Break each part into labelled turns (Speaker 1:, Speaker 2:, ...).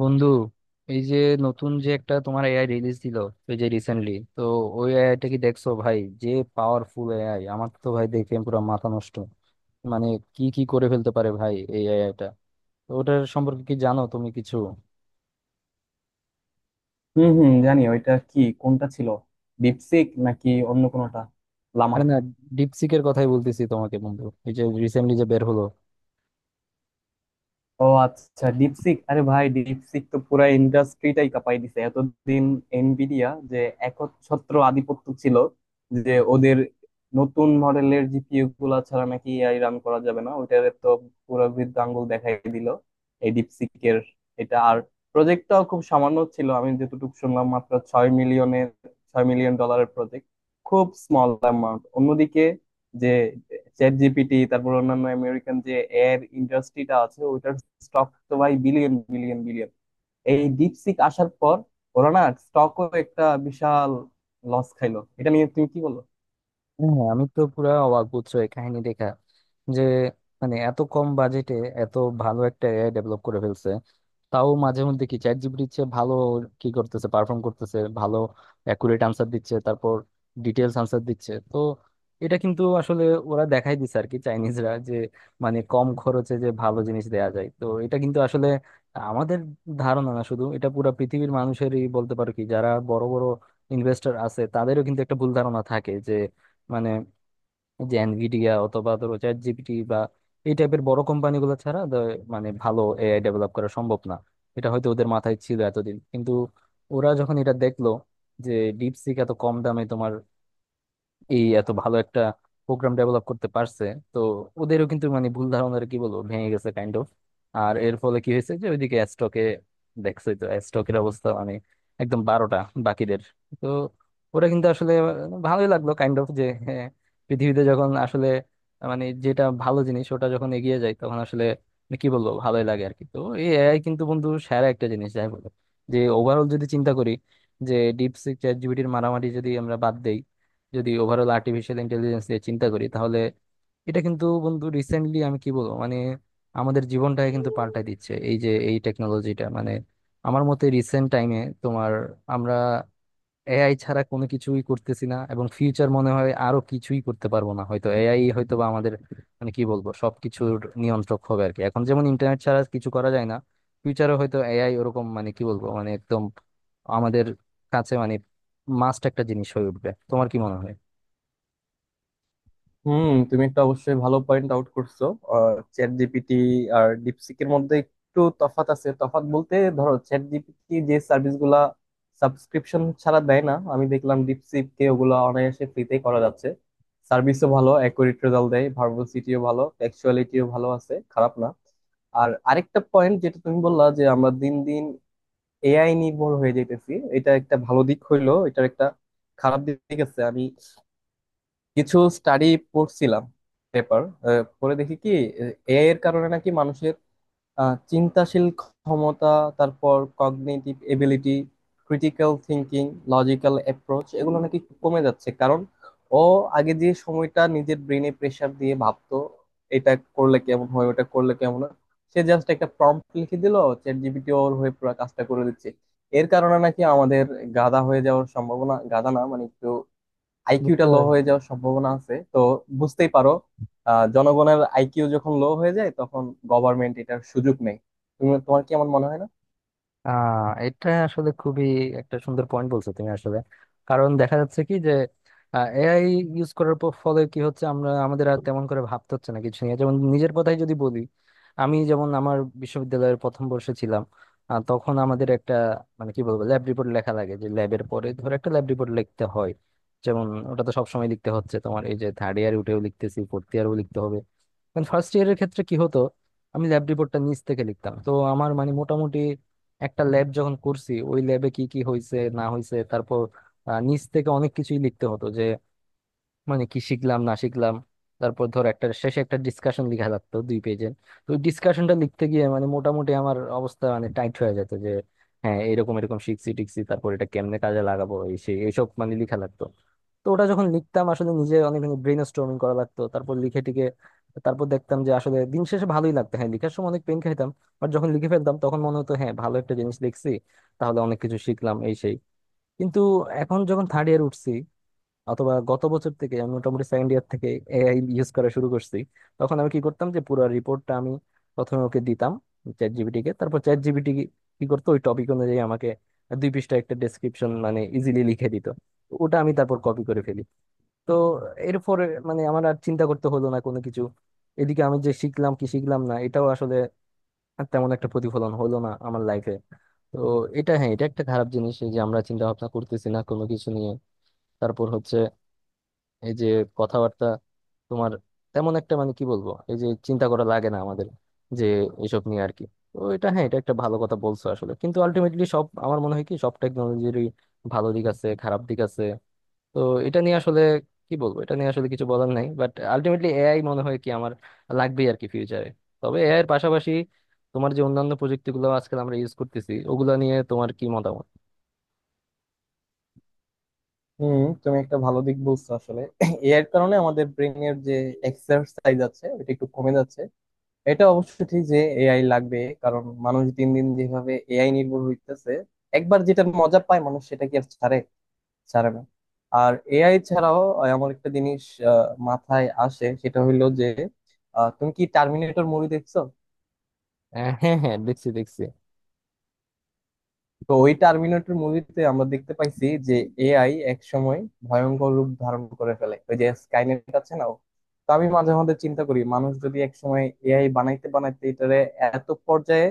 Speaker 1: বন্ধু, এই যে নতুন যে একটা তোমার এআই রিলিজ দিল, এই যে রিসেন্টলি তো ওই এআইটা কি দেখছো ভাই? যে পাওয়ারফুল এআই, আমার তো ভাই দেখে পুরো মাথা নষ্ট। মানে কি কি করে ফেলতে পারে ভাই এই এআইটা। তো ওটার সম্পর্কে কি জানো তুমি কিছু?
Speaker 2: হুম হুম, জানি। ওইটা কি, কোনটা ছিল? ডিপসিক নাকি অন্য কোনোটা? লামা?
Speaker 1: আরে না, ডিপসিকের কথাই বলতেছি তোমাকে বন্ধু, এই যে রিসেন্টলি যে বের হলো।
Speaker 2: ও আচ্ছা, ডিপসিক। আরে ভাই, ডিপসিক তো পুরা ইন্ডাস্ট্রিটাই কাঁপাই দিছে এতদিন। এনভিডিয়া যে একচ্ছত্র আধিপত্য ছিল, যে ওদের নতুন মডেলের জিপিইউ গুলা ছাড়া নাকি এআই রান করা যাবে না, ওইটার তো পুরো বৃদ্ধ আঙ্গুল দেখাই দিল এই ডিপসিকের। এটা আর প্রজেক্টটাও খুব সামান্য ছিল, আমি যতটুকু শুনলাম মাত্র 6 মিলিয়নের, 6 মিলিয়ন ডলারের প্রজেক্ট, খুব স্মল অ্যামাউন্ট। অন্যদিকে যে চ্যাট জিপিটি, তারপর অন্যান্য আমেরিকান যে এর ইন্ডাস্ট্রিটা আছে, ওইটার স্টক তো ভাই বিলিয়ন বিলিয়ন বিলিয়ন। এই ডিপসিক আসার পর ওরা না স্টকও একটা বিশাল লস খাইলো। এটা নিয়ে তুমি কি বলো?
Speaker 1: হ্যাঁ, আমি তো পুরা অবাক বুঝছো এই কাহিনী দেখা যে, মানে এত কম বাজেটে এত ভালো একটা এআই ডেভেলপ করে ফেলছে। তাও মাঝে মধ্যে কি চ্যাট জিপিটির চেয়ে ভালো কি করতেছে, পারফর্ম করতেছে ভালো, অ্যাকুরেট আনসার দিচ্ছে, তারপর ডিটেলস আনসার দিচ্ছে। তো এটা কিন্তু আসলে ওরা দেখাই দিছে আর কি চাইনিজরা যে মানে কম খরচে যে ভালো জিনিস দেয়া যায়। তো এটা কিন্তু আসলে আমাদের ধারণা না শুধু, এটা পুরা পৃথিবীর মানুষেরই বলতে পারো, কি যারা বড় বড় ইনভেস্টর আছে তাদেরও কিন্তু একটা ভুল ধারণা থাকে। মানে এই যে এনভিডিয়া অথবা ধরো চ্যাট জিপিটি বা এই টাইপের বড় কোম্পানিগুলো ছাড়া মানে ভালো এআই ডেভেলপ করা সম্ভব না, এটা হয়তো ওদের মাথায় ছিল এতদিন। কিন্তু ওরা যখন এটা দেখলো যে ডিপসিক এত কম দামে তোমার এই এত ভালো একটা প্রোগ্রাম ডেভেলপ করতে পারছে, তো ওদেরও কিন্তু মানে ভুল ধারণার কি বলবো ভেঙে গেছে কাইন্ড অফ। আর এর ফলে কি হয়েছে যে ওইদিকে স্টকে দেখছোই তো স্টকের অবস্থা, মানে একদম বারোটা বাকিদের। তো ওরা কিন্তু আসলে ভালোই লাগলো কাইন্ড অফ যে হ্যাঁ, পৃথিবীতে যখন আসলে মানে যেটা ভালো জিনিস ওটা যখন এগিয়ে যায় তখন আসলে কি বলবো ভালোই লাগে আর কি। তো এই এআই কিন্তু বন্ধু সেরা একটা জিনিস যাই বলো। যে ওভারঅল যদি চিন্তা করি, যে ডিপসিক চ্যাট জিপিটির মারামারি যদি আমরা বাদ দেই, যদি ওভারঅল আর্টিফিশিয়াল ইন্টেলিজেন্স নিয়ে চিন্তা করি, তাহলে এটা কিন্তু বন্ধু রিসেন্টলি আমি কি বলবো মানে আমাদের জীবনটাকে কিন্তু পাল্টাই দিচ্ছে এই যে এই টেকনোলজিটা। মানে আমার মতে রিসেন্ট টাইমে তোমার আমরা এআই ছাড়া কোনো কিছুই করতেছি না, এবং ফিউচার মনে হয় আরো কিছুই করতে পারবো না। হয়তো এআই হয়তো বা আমাদের মানে কি বলবো সবকিছুর নিয়ন্ত্রক হবে আর কি। এখন যেমন ইন্টারনেট ছাড়া কিছু করা যায় না, ফিউচারে হয়তো এআই ওরকম মানে কি বলবো মানে একদম আমাদের কাছে মানে মাস্ট একটা জিনিস হয়ে উঠবে। তোমার কি মনে হয়?
Speaker 2: হুম, তুমি একটা অবশ্যই ভালো পয়েন্ট আউট করছো। চ্যাট জিপিটি আর ডিপসিকের মধ্যে একটু তফাৎ আছে। তফাৎ বলতে, ধরো চ্যাট জিপিটি যে সার্ভিস গুলা সাবস্ক্রিপশন ছাড়া দেয় না, আমি দেখলাম ডিপসিক কে ওগুলা অনায়াসে ফ্রিতে করা যাচ্ছে। সার্ভিসও ভালো, অ্যাকুরেট রেজাল্ট দেয়, ভার্বোসিটিও ভালো, টেক্সচুয়ালিটিও ভালো আছে, খারাপ না। আর আরেকটা পয়েন্ট যেটা তুমি বললা, যে আমরা দিন দিন এআই নির্ভর হয়ে যাইতেছি, এটা একটা ভালো দিক হইলো। এটার একটা খারাপ দিক আছে। আমি কিছু স্টাডি পড়ছিলাম, পেপার, পরে দেখি কি এআই এর কারণে নাকি মানুষের চিন্তাশীল ক্ষমতা, তারপর cognitive ability, critical thinking, logical approach এগুলো নাকি কমে যাচ্ছে। কারণ ও আগে যে সময়টা নিজের ব্রেনে প্রেসার দিয়ে ভাবতো, এটা করলে কেমন হয় ওটা করলে কেমন হয়, সে জাস্ট একটা প্রম্পট লিখে দিল, চ্যাট জিপিটি ওর হয়ে পুরো কাজটা করে দিচ্ছে। এর কারণে নাকি আমাদের গাধা হয়ে যাওয়ার সম্ভাবনা, গাধা না মানে একটু
Speaker 1: বুঝতে
Speaker 2: আইকিউটা লো
Speaker 1: পারছি।
Speaker 2: হয়ে যাওয়ার সম্ভাবনা আছে তো। বুঝতেই পারো। জনগণের আইকিউ যখন লো হয়ে যায় তখন গভর্নমেন্ট এটার সুযোগ নেই। তুমি তোমার কি এমন মনে হয় না?
Speaker 1: এটা আসলে খুবই একটা সুন্দর পয়েন্ট বলছো তুমি আসলে। কারণ দেখা যাচ্ছে কি যে এআই ইউজ করার পর ফলে কি হচ্ছে, আমরা আমাদের আর তেমন করে ভাবতে হচ্ছে না কিছু নিয়ে। যেমন নিজের কথাই যদি বলি, আমি যেমন আমার বিশ্ববিদ্যালয়ের প্রথম বর্ষে ছিলাম। তখন আমাদের একটা মানে কি বলবো ল্যাব রিপোর্ট লেখা লাগে যে ল্যাবের পরে ধর একটা ল্যাব রিপোর্ট লিখতে হয়। যেমন ওটা তো সবসময় লিখতে হচ্ছে তোমার, এই যে থার্ড ইয়ার উঠেও লিখতেছি, ফোর্থ ইয়ারও লিখতে হবে। ফার্স্ট ইয়ারের ক্ষেত্রে কি হতো, আমি ল্যাব রিপোর্টটা নিচ থেকে লিখতাম তো আমার মানে মোটামুটি একটা ল্যাব যখন করছি ওই ল্যাবে কি কি হয়েছে না হয়েছে তারপর নিচ থেকে অনেক কিছুই লিখতে হতো যে মানে কি শিখলাম না শিখলাম। তারপর ধর একটা শেষে একটা ডিসকাশন লিখা লাগতো দুই পেজের। তো ওই ডিসকাশনটা লিখতে গিয়ে মানে মোটামুটি আমার অবস্থা মানে টাইট হয়ে যেত যে হ্যাঁ এরকম এরকম শিখছি টিখছি তারপর এটা কেমনে কাজে লাগাবো এই সেই এইসব মানে লিখা লাগতো। তো ওটা যখন লিখতাম আসলে নিজে অনেক ব্রেন স্টর্মিং করা লাগতো, তারপর লিখে টিকে তারপর দেখতাম যে আসলে দিন শেষে ভালোই লাগতো। হ্যাঁ লিখার সময় অনেক পেন খাইতাম, বাট যখন লিখে ফেলতাম তখন মনে হতো হ্যাঁ ভালো একটা জিনিস লিখছি, তাহলে অনেক কিছু শিখলাম এই সেই। কিন্তু এখন যখন থার্ড ইয়ার উঠছি, অথবা গত বছর থেকে আমি মোটামুটি সেকেন্ড ইয়ার থেকে এআই ইউজ করা শুরু করছি, তখন আমি কি করতাম যে পুরো রিপোর্টটা আমি প্রথমে ওকে দিতাম চ্যাট জিপিটি কে। তারপর চ্যাট জিপিটি কি করতো ওই টপিক অনুযায়ী আমাকে দুই পৃষ্ঠা একটা ডেসক্রিপশন মানে ইজিলি লিখে দিত। ওটা আমি তারপর কপি করে ফেলি। তো এরপর মানে আমার আর চিন্তা করতে হলো না কোনো কিছু। এদিকে আমি যে শিখলাম কি শিখলাম না এটাও আসলে তেমন একটা প্রতিফলন হলো না আমার লাইফে। তো এটা হ্যাঁ এটা একটা খারাপ জিনিস এই যে আমরা চিন্তা ভাবনা করতেছি না কোনো কিছু নিয়ে। তারপর হচ্ছে এই যে কথাবার্তা তোমার তেমন একটা মানে কি বলবো এই যে চিন্তা করা লাগে না আমাদের যে এসব নিয়ে আর কি। তো এটা হ্যাঁ এটা একটা ভালো কথা বলছো আসলে, কিন্তু আলটিমেটলি সব আমার মনে হয় কি সব টেকনোলজিরই ভালো দিক আছে খারাপ দিক আছে। তো এটা নিয়ে আসলে কি বলবো, এটা নিয়ে আসলে কিছু বলার নাই। বাট আলটিমেটলি এআই মনে হয় কি আমার লাগবেই আর কি ফিউচারে। তবে এআই এর পাশাপাশি তোমার যে অন্যান্য প্রযুক্তিগুলো আজকাল আমরা ইউজ করতেছি ওগুলো নিয়ে তোমার কি মতামত?
Speaker 2: হুম, তুমি একটা ভালো দিক বলছো আসলে। এর কারণে আমাদের ব্রেনের যে এক্সারসাইজ আছে ওটা একটু কমে যাচ্ছে। এটা অবশ্য ঠিক যে এআই লাগবে, কারণ মানুষ দিন দিন যেভাবে এআই নির্ভর হইতেছে, একবার যেটা মজা পায় মানুষ সেটা কি আর ছাড়ে? ছাড়বে? আর এআই ছাড়াও আমার একটা জিনিস মাথায় আসে, সেটা হইলো যে, তুমি কি টার্মিনেটর মুভি দেখছো?
Speaker 1: হ্যাঁ হ্যাঁ, দেখছি দেখছি।
Speaker 2: তো ওই টার্মিনেটর মুভিতে আমরা দেখতে পাইছি যে এআই এক সময় ভয়ঙ্কর রূপ ধারণ করে ফেলে, ওই যে স্কাইনেট আছে না ও। তো আমি মাঝে মধ্যে চিন্তা করি, মানুষ যদি এক সময় এআই বানাইতে বানাইতে এটারে এত পর্যায়ে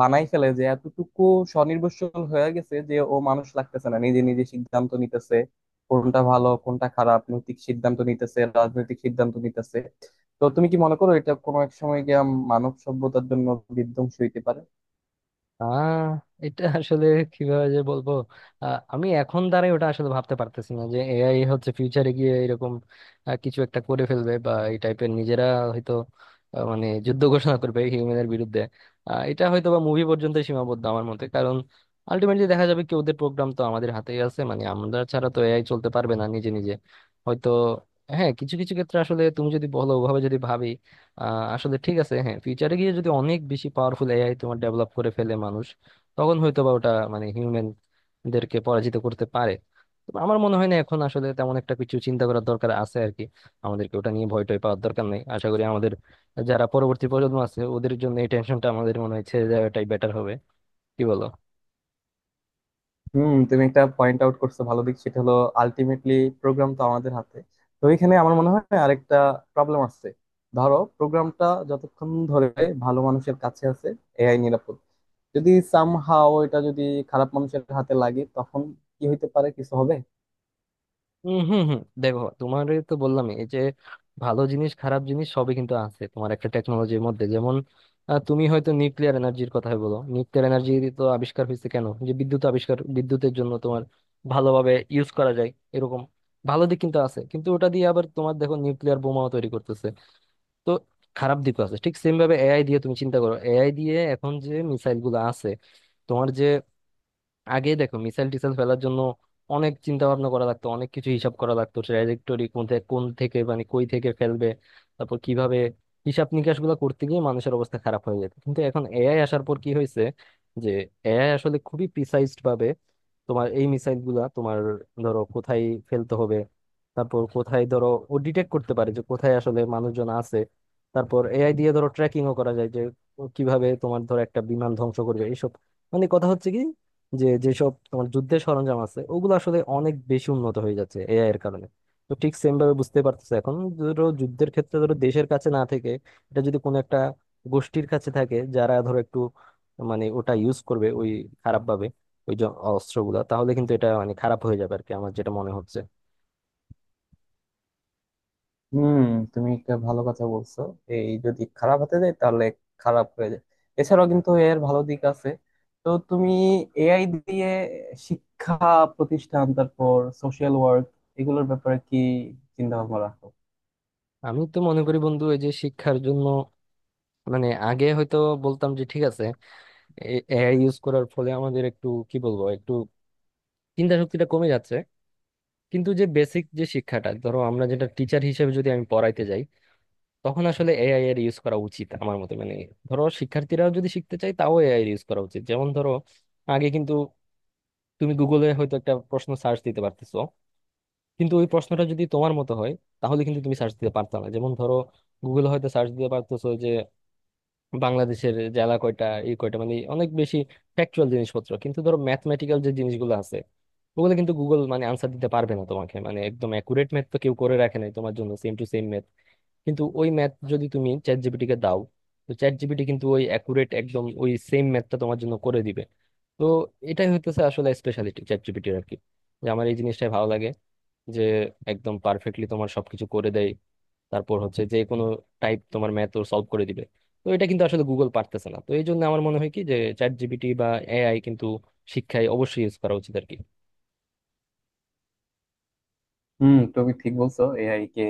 Speaker 2: বানাই ফেলে যে এতটুকু স্বনির্ভরশীল হয়ে গেছে যে ও মানুষ লাগতেছে না, নিজে নিজে সিদ্ধান্ত নিতেছে কোনটা ভালো কোনটা খারাপ, নৈতিক সিদ্ধান্ত নিতেছে, রাজনৈতিক সিদ্ধান্ত নিতেছে। তো তুমি কি মনে করো এটা কোনো এক সময় গিয়ে মানব সভ্যতার জন্য বিধ্বংসী হইতে পারে?
Speaker 1: আহ এটা আসলে কিভাবে যে বলবো। আমি এখন দাঁড়াই ওটা আসলে ভাবতে পারতেছি না যে এআই হচ্ছে ফিউচারে গিয়ে এরকম কিছু একটা করে ফেলবে বা এই টাইপের নিজেরা হয়তো মানে যুদ্ধ ঘোষণা করবে হিউম্যানের বিরুদ্ধে। এটা হয়তো বা মুভি পর্যন্ত সীমাবদ্ধ আমার মতে, কারণ আলটিমেটলি দেখা যাবে কি ওদের প্রোগ্রাম তো আমাদের হাতেই আছে, মানে আমরা ছাড়া তো এআই চলতে পারবে না নিজে নিজে। হয়তো হ্যাঁ কিছু কিছু ক্ষেত্রে আসলে তুমি যদি বলো ওভাবে যদি ভাবি আসলে ঠিক আছে হ্যাঁ ফিউচারে গিয়ে যদি অনেক বেশি পাওয়ারফুল এআই তোমার ডেভেলপ করে ফেলে মানুষ, তখন হয়তো বা ওটা মানে হিউম্যান দেরকে পরাজিত করতে পারে। তবে আমার মনে হয় না এখন আসলে তেমন একটা কিছু চিন্তা করার দরকার আছে আর কি। আমাদেরকে ওটা নিয়ে ভয় টয় পাওয়ার দরকার নেই, আশা করি। আমাদের যারা পরবর্তী প্রজন্ম আছে ওদের জন্য এই টেনশনটা আমাদের মনে হয় ছেড়ে দেওয়াটাই বেটার হবে, কি বলো?
Speaker 2: হুম, তুমি একটা পয়েন্ট আউট করছো ভালো দিক, সেটা হলো আলটিমেটলি প্রোগ্রাম তো আমাদের হাতে। তো এখানে আমার মনে হয় আরেকটা প্রবলেম আছে। ধরো প্রোগ্রামটা যতক্ষণ ধরে ভালো মানুষের কাছে আছে এআই নিরাপদ। যদি সামহাও এটা যদি খারাপ মানুষের হাতে লাগে তখন কি হইতে পারে? কিছু হবে?
Speaker 1: হুম হুম, দেখো তোমার তো বললাম এই যে ভালো জিনিস খারাপ জিনিস সবই কিন্তু আছে তোমার একটা টেকনোলজির মধ্যে। যেমন তুমি হয়তো নিউক্লিয়ার এনার্জির কথা বলো, নিউক্লিয়ার এনার্জি তো আবিষ্কার হয়েছে কেন যে বিদ্যুৎ আবিষ্কার, বিদ্যুতের জন্য তোমার ভালোভাবে ইউজ করা যায় এরকম ভালো দিক কিন্তু আছে। কিন্তু ওটা দিয়ে আবার তোমার দেখো নিউক্লিয়ার বোমাও তৈরি করতেছে, তো খারাপ দিকও আছে। ঠিক সেম ভাবে এআই দিয়ে তুমি চিন্তা করো, এআই দিয়ে এখন যে মিসাইল গুলো আছে তোমার, যে আগে দেখো মিসাইল টিসাইল ফেলার জন্য অনেক চিন্তা ভাবনা করা লাগতো, অনেক কিছু হিসাব করা লাগতো ট্র্যাজেক্টরি মধ্যে কোন থেকে মানে কই থেকে ফেলবে, তারপর কিভাবে হিসাব নিকাশ গুলো করতে গিয়ে মানুষের অবস্থা খারাপ হয়ে যেত। কিন্তু এখন এআই আসার পর কি হয়েছে যে এআই আসলে খুবই প্রিসাইজ ভাবে তোমার এই মিসাইল গুলা তোমার ধরো কোথায় ফেলতে হবে, তারপর কোথায় ধরো ও ডিটেক্ট করতে পারে যে কোথায় আসলে মানুষজন আছে। তারপর এআই দিয়ে ধরো ট্র্যাকিংও করা যায় যে ও কিভাবে তোমার ধরো একটা বিমান ধ্বংস করবে এইসব। মানে কথা হচ্ছে কি যে যেসব তোমার যুদ্ধের সরঞ্জাম আছে ওগুলো আসলে অনেক বেশি উন্নত হয়ে যাচ্ছে এআই এর কারণে। তো ঠিক সেম ভাবে বুঝতে পারতেছে এখন ধরো যুদ্ধের ক্ষেত্রে ধরো দেশের কাছে না থেকে এটা যদি কোনো একটা গোষ্ঠীর কাছে থাকে যারা ধরো একটু মানে ওটা ইউজ করবে ওই খারাপ ভাবে ওই যে অস্ত্রগুলা, তাহলে কিন্তু এটা মানে খারাপ হয়ে যাবে আর কি, আমার যেটা মনে হচ্ছে।
Speaker 2: হুম, তুমি একটা ভালো কথা বলছো। এই যদি খারাপ হতে যায় তাহলে খারাপ হয়ে যায়। এছাড়াও কিন্তু এর ভালো দিক আছে। তো তুমি এআই দিয়ে শিক্ষা প্রতিষ্ঠান, তারপর সোশ্যাল ওয়ার্ক, এগুলোর ব্যাপারে কি চিন্তা ভাবনা রাখো?
Speaker 1: আমি তো মনে করি বন্ধু এই যে শিক্ষার জন্য মানে আগে হয়তো বলতাম যে ঠিক আছে এআই ইউজ করার ফলে আমাদের একটু কি বলবো একটু চিন্তা শক্তিটা কমে যাচ্ছে। কিন্তু যে বেসিক যে শিক্ষাটা ধরো আমরা যেটা টিচার হিসেবে যদি আমি পড়াইতে যাই, তখন আসলে এআই এর ইউজ করা উচিত আমার মতে। মানে ধরো শিক্ষার্থীরাও যদি শিখতে চায় তাও এআই এর ইউজ করা উচিত। যেমন ধরো আগে কিন্তু তুমি গুগলে হয়তো একটা প্রশ্ন সার্চ দিতে পারতেছো, কিন্তু ওই প্রশ্নটা যদি তোমার মতো হয় তাহলে কিন্তু তুমি সার্চ দিতে পারতো না। যেমন ধরো গুগলে হয়তো সার্চ দিতে পারতেছো যে বাংলাদেশের জেলা কয়টা ই কয়টা মানে অনেক বেশি ফ্যাকচুয়াল জিনিসপত্র। কিন্তু ধরো ম্যাথমেটিক্যাল যে জিনিসগুলো আছে ওগুলো কিন্তু গুগল মানে আনসার দিতে পারবে না তোমাকে। মানে একদম অ্যাকুরেট ম্যাথ তো কেউ করে রাখে নাই তোমার জন্য সেম টু সেম ম্যাথ। কিন্তু ওই ম্যাথ যদি তুমি চ্যাট জিপিটি কে দাও, তো চ্যাট জিপিটি কিন্তু ওই অ্যাকুরেট একদম ওই সেম ম্যাথটা তোমার জন্য করে দিবে। তো এটাই হইতেছে আসলে স্পেশালিটি চ্যাট জিপিটির আর কি। যে আমার এই জিনিসটাই ভালো লাগে যে একদম পারফেক্টলি তোমার সবকিছু করে দেয়। তারপর হচ্ছে যে কোনো টাইপ তোমার ম্যাথ ও সলভ করে দিবে। তো এটা কিন্তু আসলে গুগল পারতেছে না। তো এই জন্য আমার মনে হয় কি যে চ্যাট জিপিটি বা এআই কিন্তু শিক্ষায় অবশ্যই ইউজ করা উচিত আর কি।
Speaker 2: হুম, তুমি ঠিক বলছো। এআই কে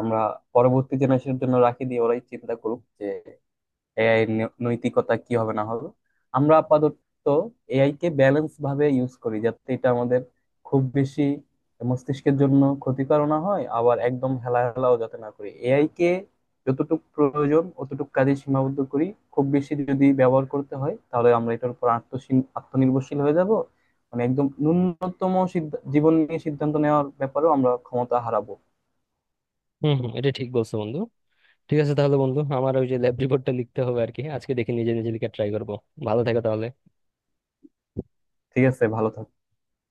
Speaker 2: আমরা পরবর্তী জেনারেশনের জন্য রাখি দিয়ে, ওরাই চিন্তা করুক এআই এর নৈতিকতা কি হবে না হবে। আমরা আপাতত এআই কে ব্যালেন্স ভাবে ইউজ করি যাতে এটা আমাদের খুব বেশি মস্তিষ্কের জন্য ক্ষতিকর না হয়, আবার একদম হেলাহেলাও যাতে না করি এআই কে। যতটুকু প্রয়োজন অতটুকু কাজে সীমাবদ্ধ করি। খুব বেশি যদি ব্যবহার করতে হয় তাহলে আমরা এটার উপর আত্মনির্ভরশীল হয়ে যাব। মানে একদম ন্যূনতম জীবন নিয়ে সিদ্ধান্ত নেওয়ার ব্যাপারেও আমরা ক্ষমতা হারাবো।
Speaker 1: হম হম, এটা ঠিক বলছো বন্ধু। ঠিক আছে তাহলে বন্ধু, আমার ওই যে ল্যাব রিপোর্টটা লিখতে হবে আর কি, আজকে দেখি নিজে নিজে লিখে ট্রাই করবো। ভালো থাকো তাহলে।
Speaker 2: ঠিক আছে, ভালো থাকো।